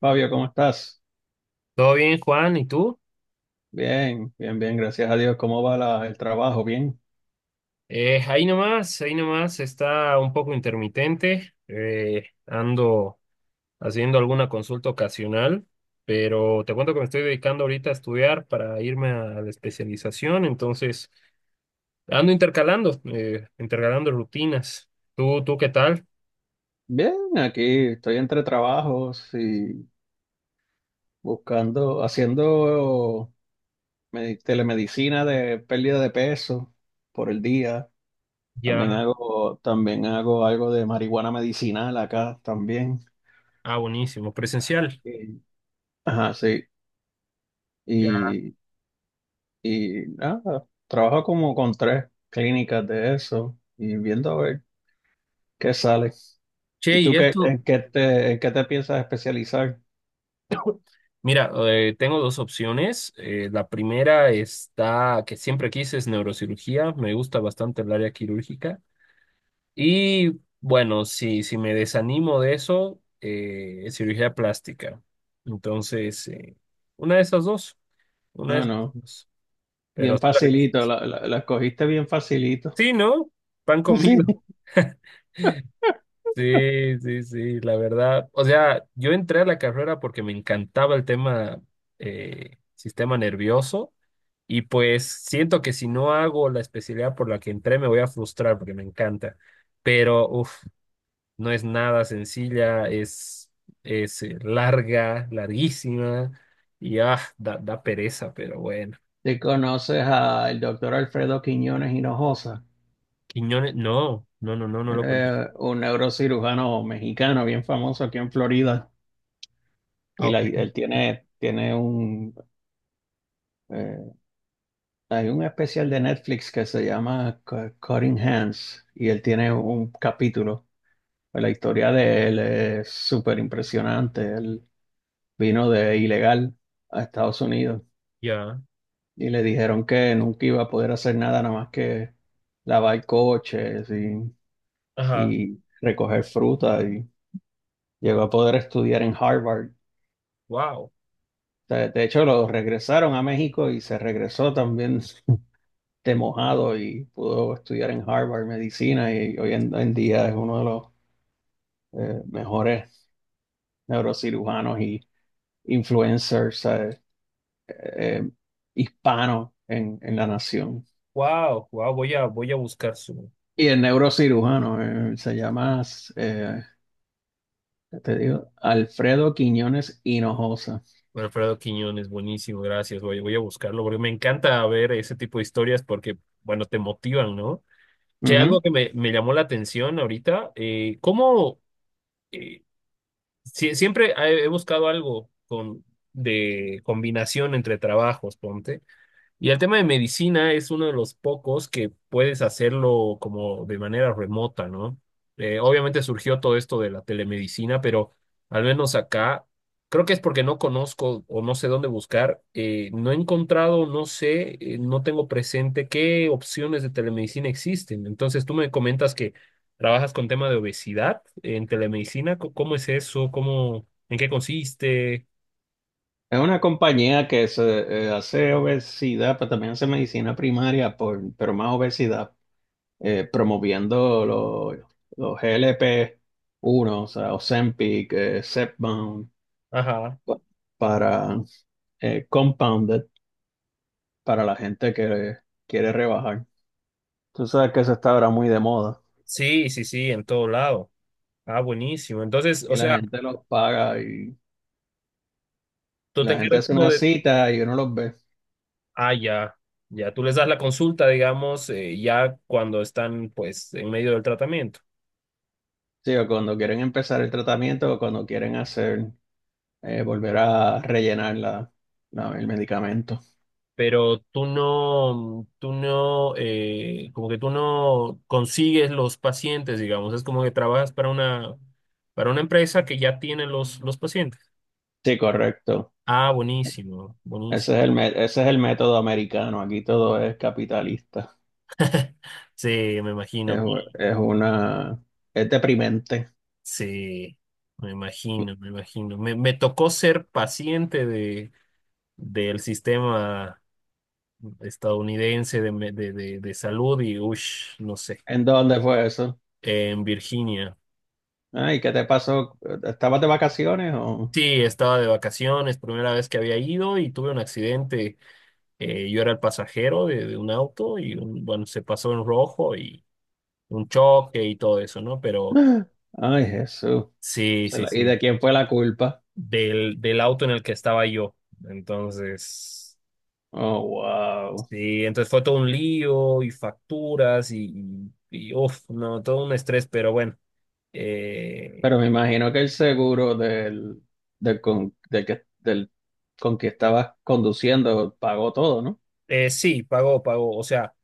Fabio, ¿cómo estás? Todo bien, Juan, ¿y tú? Bien, bien, bien, gracias a Dios. ¿Cómo va el trabajo? Bien, Ahí nomás está un poco intermitente. Ando haciendo alguna consulta ocasional, pero te cuento que me estoy dedicando ahorita a estudiar para irme a la especialización, entonces ando intercalando, intercalando rutinas. ¿Tú ¿qué tal? bien, aquí estoy entre trabajos y buscando, haciendo telemedicina de pérdida de peso por el día. Ya, También hago algo de marihuana medicinal acá también. ah, buenísimo, presencial. Y- Ajá, sí. Ya. Y, y nada, trabajo como con tres clínicas de eso y viendo a ver ¿qué sale? Che, ¿Y y tú qué, esto, en qué te piensas especializar? mira, tengo dos opciones. La primera está, que siempre quise, es neurocirugía. Me gusta bastante el área quirúrgica. Y bueno, si me desanimo de eso, es cirugía plástica. Entonces, una de esas dos. Una de No, esas no, dos. Pero bien facilito, la escogiste bien facilito. sí, ¿no? Pan Sí. comido. Sí, sí, sí, la verdad. O sea, yo entré a la carrera porque me encantaba el tema sistema nervioso y pues siento que si no hago la especialidad por la que entré me voy a frustrar porque me encanta. Pero, no es nada sencilla, es larga, larguísima y da pereza, pero bueno. ¿Te conoces al doctor Alfredo Quiñones Hinojosa? Quiñones, no, no, no, no, no Él lo conozco. es un neurocirujano mexicano bien famoso aquí en Florida. Ah, Y ok. él tiene, tiene un, eh, hay un especial de Netflix que se llama Cutting Hands y él tiene un capítulo. Pues la historia de él es súper impresionante. Vino de ilegal a Estados Unidos Ya. y le dijeron que nunca iba a poder hacer nada, nada más que lavar coches Ajá. y recoger fruta y llegó a poder estudiar en Harvard. Wow. De hecho, lo regresaron a México y se regresó también de mojado y pudo estudiar en Harvard medicina y hoy en día es uno de los mejores neurocirujanos y influencers eh, hispanos en la nación. Wow, wow, voy a buscar su. Y el neurocirujano se llama, eh, ¿qué te digo, Alfredo Quiñones Hinojosa. Alfredo Quiñones, buenísimo, gracias. Voy a buscarlo porque me encanta ver ese tipo de historias porque, bueno, te motivan, ¿no? Che, algo Ujú. que me llamó la atención ahorita, ¿cómo? eh, Siempre he buscado algo con, de combinación entre trabajos, ponte. Y el tema de medicina es uno de los pocos que puedes hacerlo como de manera remota, ¿no? Obviamente surgió todo esto de la telemedicina, pero al menos acá, creo que es porque no conozco o no sé dónde buscar, no he encontrado, no sé, no tengo presente qué opciones de telemedicina existen. Entonces, tú me comentas que trabajas con tema de obesidad en telemedicina, ¿cómo es eso? ¿Cómo, en qué consiste? Es una compañía que se, hace obesidad, pero también hace medicina primaria, por, pero más obesidad, promoviendo los glp uno, o sea, Ozempic, Zepbound, Ajá. pa- para Compounded, para la gente que quiere rebajar. Tú sabes que eso está ahora muy de moda Sí, sí, sí, en todo lado. Ah, buenísimo. Entonces, o y la sea, gente los paga. tú te La gente encargas hace como una de... cita y uno los ve. Ah, ya, ya, tú les das la consulta, digamos, ya cuando están, pues, en medio del tratamiento. Sí, o cuando quieren empezar el tratamiento o cuando quieren hacer, volver a rellenar el medicamento. Pero tú no, como que tú no consigues los pacientes, digamos. Es como que trabajas para una empresa que ya tiene los pacientes. Sí, correcto. Ah, buenísimo, buenísimo. Ese es ese es el método americano. Aquí todo es capitalista. Sí, me Es, imagino. Es una, es deprimente. Sí, me imagino, me imagino. Me tocó ser paciente de del sistema estadounidense de, de, de salud y, ush, no sé, ¿En dónde fue eso? en Virginia. Ay, ¿qué te pasó? ¿Estabas de vacaciones o? Sí, estaba de vacaciones, primera vez que había ido y tuve un accidente. Yo era el pasajero de un auto y, bueno, se pasó en rojo y un choque y todo eso, ¿no? Pero Ay, Jesús. sí, sí, ¿Y sí, de quién fue la culpa? del, del auto en el que estaba yo. Entonces, Oh, wow. sí, entonces fue todo un lío y facturas y, uf, no, todo un estrés, pero bueno. Eh, Pero me imagino que el seguro del con que estabas conduciendo pagó todo, ¿no? Sí, pagó, pagó. O sea,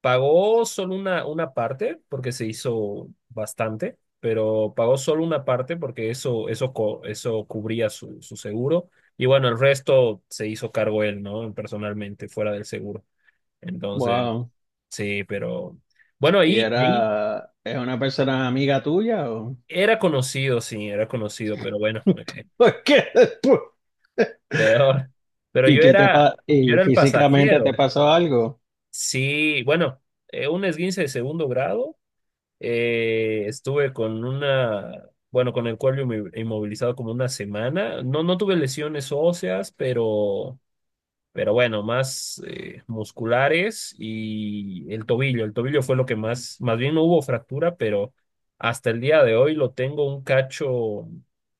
pagó solo una parte porque se hizo bastante, pero pagó solo una parte porque eso, eso cubría su, su seguro. Y bueno, el resto se hizo cargo él, ¿no? Personalmente, fuera del seguro. Entonces, Wow. sí, pero bueno, ¿Y ahí, ahí era, es una persona amiga tuya o era conocido, sí, era conocido, pero bueno, por qué después? peor. Pero ¿Y qué yo y era el físicamente te pasajero. pasó algo? Sí, bueno un esguince de segundo grado. Estuve con una, bueno, con el cuello inmovilizado como una semana. No, no tuve lesiones óseas, pero bueno, más musculares y el tobillo. El tobillo fue lo que más, más bien no hubo fractura, pero hasta el día de hoy lo tengo un cacho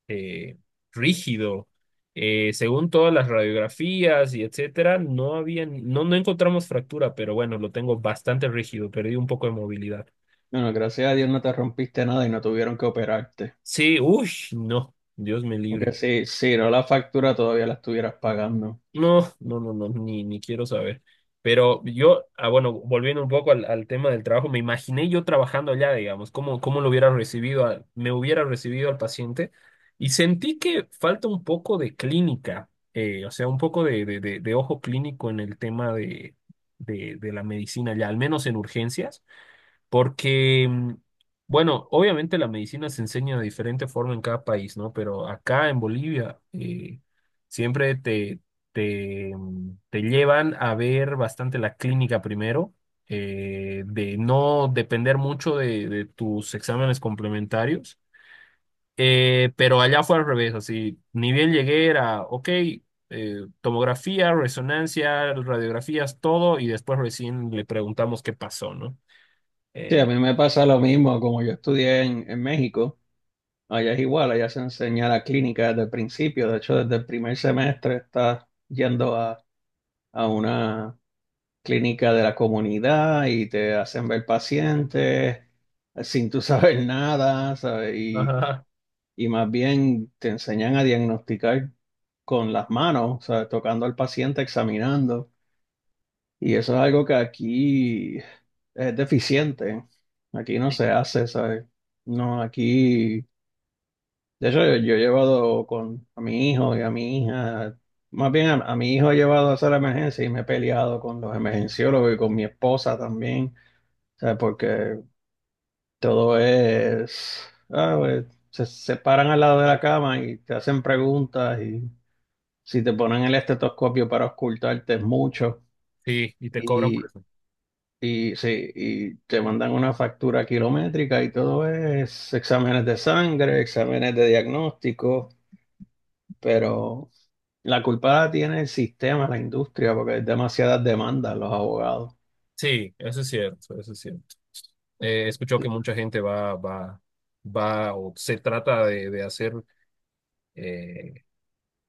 eh, rígido. Según todas las radiografías y etcétera, no había, no, no encontramos fractura, pero bueno, lo tengo bastante rígido, perdí un poco de movilidad. Bueno, gracias a Dios no te rompiste nada y no tuvieron que operarte. Sí, uy, no, Dios me libre. Porque si, si no la factura todavía la estuvieras pagando. No, no, no, no, ni, ni quiero saber. Pero yo, bueno, volviendo un poco al, al tema del trabajo, me imaginé yo trabajando allá, digamos, cómo, cómo lo hubiera recibido, me hubiera recibido al paciente y sentí que falta un poco de clínica, o sea, un poco de de ojo clínico en el tema de la medicina allá, al menos en urgencias. Porque, bueno, obviamente la medicina se enseña de diferente forma en cada país, ¿no? Pero acá en Bolivia siempre te, te llevan a ver bastante la clínica primero, de no depender mucho de tus exámenes complementarios. Pero allá fue al revés, así, ni bien llegué era, ok, tomografía, resonancia, radiografías, todo, y después recién le preguntamos qué pasó, ¿no? Sí, a Eh, mí me pasa lo mismo, como yo estudié en México. Allá es igual, allá se enseña la clínica desde el principio. De hecho, desde el primer semestre estás yendo a una clínica de la comunidad y te hacen ver pacientes sin tú saber nada, ¿sabes? Y más bien te enseñan a diagnosticar con las manos, ¿sabes? Tocando al paciente, examinando. Y eso es algo que aquí es deficiente. Aquí no se hace, ¿sabes? No, aquí. De hecho, yo he llevado con a mi hijo y a mi hija, más bien a mi hijo he llevado a hacer emergencia y me he peleado con los emergenciólogos y con mi esposa también, ¿sabes? Porque todo es, ah, pues, se paran al lado de la cama y te hacen preguntas y si te ponen el estetoscopio para ocultarte es mucho Sí, y te cobran por y, eso. y, sí, y te mandan una factura kilométrica y todo es exámenes de sangre, exámenes de diagnóstico, pero la culpa la tiene el sistema, la industria, porque hay demasiadas demandas los abogados. Sí, eso es cierto, eso es cierto. He escuchado que Sí. mucha gente va o se trata de hacer eh,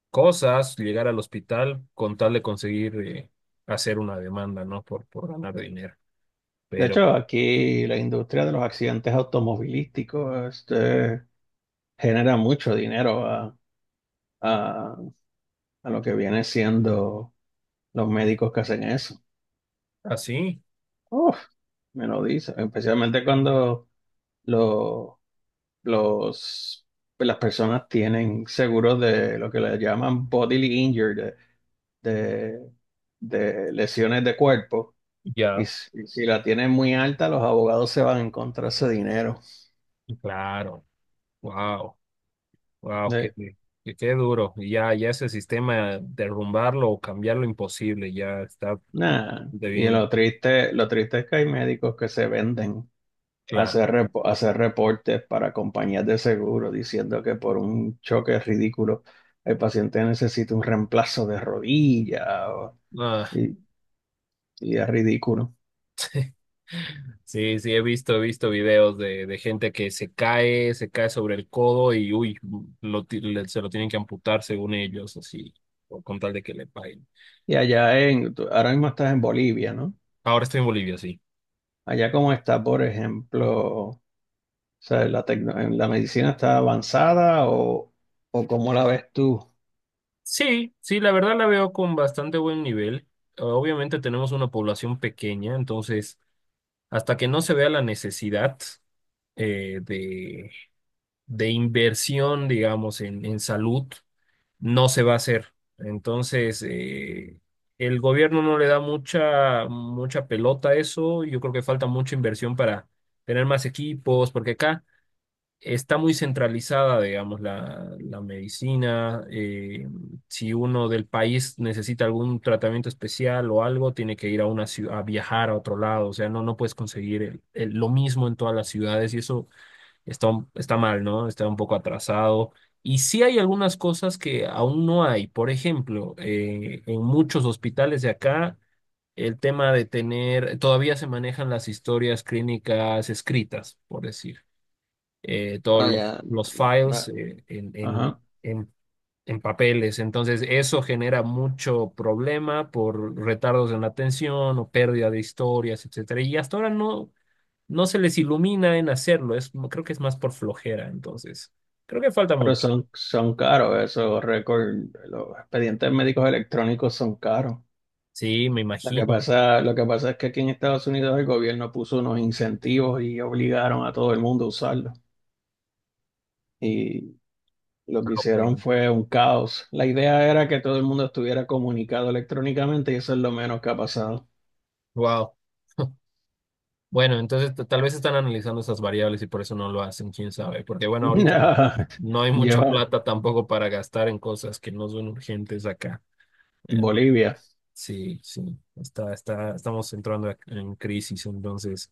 cosas, llegar al hospital con tal de conseguir hacer una demanda, ¿no? Por ganar dinero. De Pero hecho, aquí la industria de los accidentes automovilísticos este, genera mucho dinero a, a- a lo que viene siendo los médicos que hacen eso. así, Uf, me lo dice, especialmente cuando lo- los, las personas tienen seguros de lo que le llaman bodily injury, de de- de lesiones de cuerpo. Ya, Y si la tienes muy alta, los abogados se van en contra de ese dinero. claro. Wow, wow, qué, De- qué, qué duro. Y ya, ya ese sistema, derrumbarlo o cambiarlo, imposible, ya está nah. de Y bien lo triste es que hay médicos que se venden a claro. hacer, a hacer reportes para compañías de seguro diciendo que por un choque ridículo el paciente necesita un reemplazo de rodilla o- Ah. y, y es ridículo. Sí, sí, he visto videos de gente que se cae sobre el codo y uy, se lo tienen que amputar según ellos, así, o con tal de que le paguen. Y allá en, ahora mismo estás en Bolivia, ¿no? Ahora estoy en Bolivia, sí. Allá como está, por ejemplo, o sea, la medicina está avanzada o, ¿o cómo la ves tú? Sí, sí, la verdad la veo con bastante buen nivel. Obviamente tenemos una población pequeña, entonces hasta que no se vea la necesidad eh, de, de inversión, digamos, en salud. No se va a hacer. Entonces, el gobierno no le da mucha, mucha pelota a eso. Yo creo que falta mucha inversión para tener más equipos, porque acá está muy centralizada, digamos, la medicina. Si uno del país necesita algún tratamiento especial o algo, tiene que ir a una ciudad, a viajar a otro lado. O sea, no, no puedes conseguir lo mismo en todas las ciudades y eso está, está mal, ¿no? Está un poco atrasado. Y sí hay algunas cosas que aún no hay. Por ejemplo, en muchos hospitales de acá, el tema de tener, todavía se manejan las historias clínicas escritas, por decir, todos Ah, ya, los no, files no. Ajá. En papeles. Entonces, eso genera mucho problema por retardos en la atención o pérdida de historias, etcétera. Y hasta ahora no se les ilumina en hacerlo, es, creo que es más por flojera, entonces, creo que falta Pero mucho. son, son caros esos récords, los expedientes médicos electrónicos son caros. Sí, me imagino. Lo que pasa es que aquí en Estados Unidos el gobierno puso unos incentivos y obligaron a todo el mundo a usarlo. Y lo que hicieron fue un caos. La idea era que todo el mundo estuviera comunicado electrónicamente y eso es lo menos que ha pasado. Wow. Bueno, entonces tal vez están analizando esas variables y por eso no lo hacen, quién sabe, porque bueno, ahorita Nah, no hay mucha lleva plata tampoco para gastar en cosas que no son urgentes acá. Pero Bolivia. sí, sí, está, está, estamos entrando en crisis, entonces,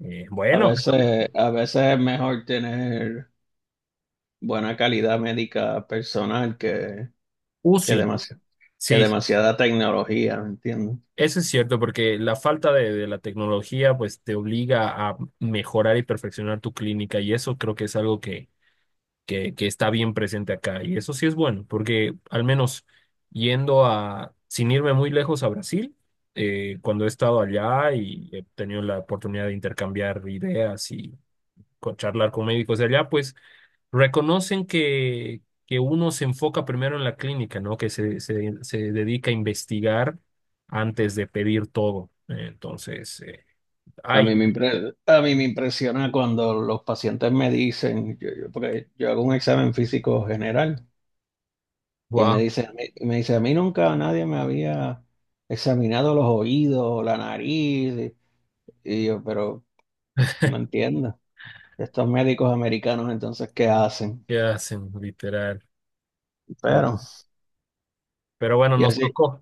bueno, A veces es mejor tener buena calidad médica personal que UCI, demasiado, que sí, demasiada tecnología, ¿me entiendes? eso es cierto, porque la falta de la tecnología pues te obliga a mejorar y perfeccionar tu clínica y eso creo que es algo que está bien presente acá y eso sí es bueno, porque al menos yendo a, sin irme muy lejos a Brasil, cuando he estado allá y he tenido la oportunidad de intercambiar ideas y charlar con médicos de allá, pues reconocen que uno se enfoca primero en la clínica, ¿no? Que se dedica a investigar antes de pedir todo. Entonces, ay, A mí me impresiona cuando los pacientes me dicen, yo, porque yo hago un examen físico general y me wow, dicen, y me dice, a mí nunca nadie me había examinado los oídos, la nariz, y yo, pero no entiendo. Estos médicos americanos entonces, ¿qué hacen? ¿qué hacen? Literal. Guau. Pero, Pero bueno, y así,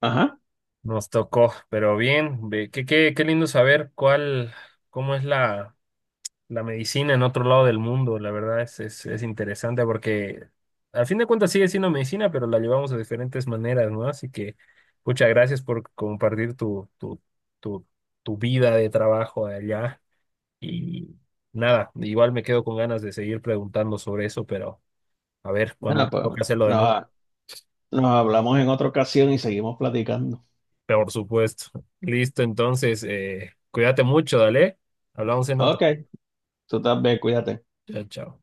ajá, nos tocó, pero bien, qué, qué, qué lindo saber cuál, cómo es la la medicina en otro lado del mundo, la verdad es interesante porque al fin de cuentas sigue siendo medicina, pero la llevamos de diferentes maneras, ¿no? Así que muchas gracias por compartir tu, tu, tu, tu vida de trabajo allá. Y nada, igual me quedo con ganas de seguir preguntando sobre eso, pero a ver, cuando nos nada, pues toca hacerlo de nuevo, nos, nos hablamos en otra ocasión y seguimos platicando. por supuesto. Listo, entonces, cuídate mucho, dale. Hablamos en otra. Ok, tú también, cuídate. Chao, chao.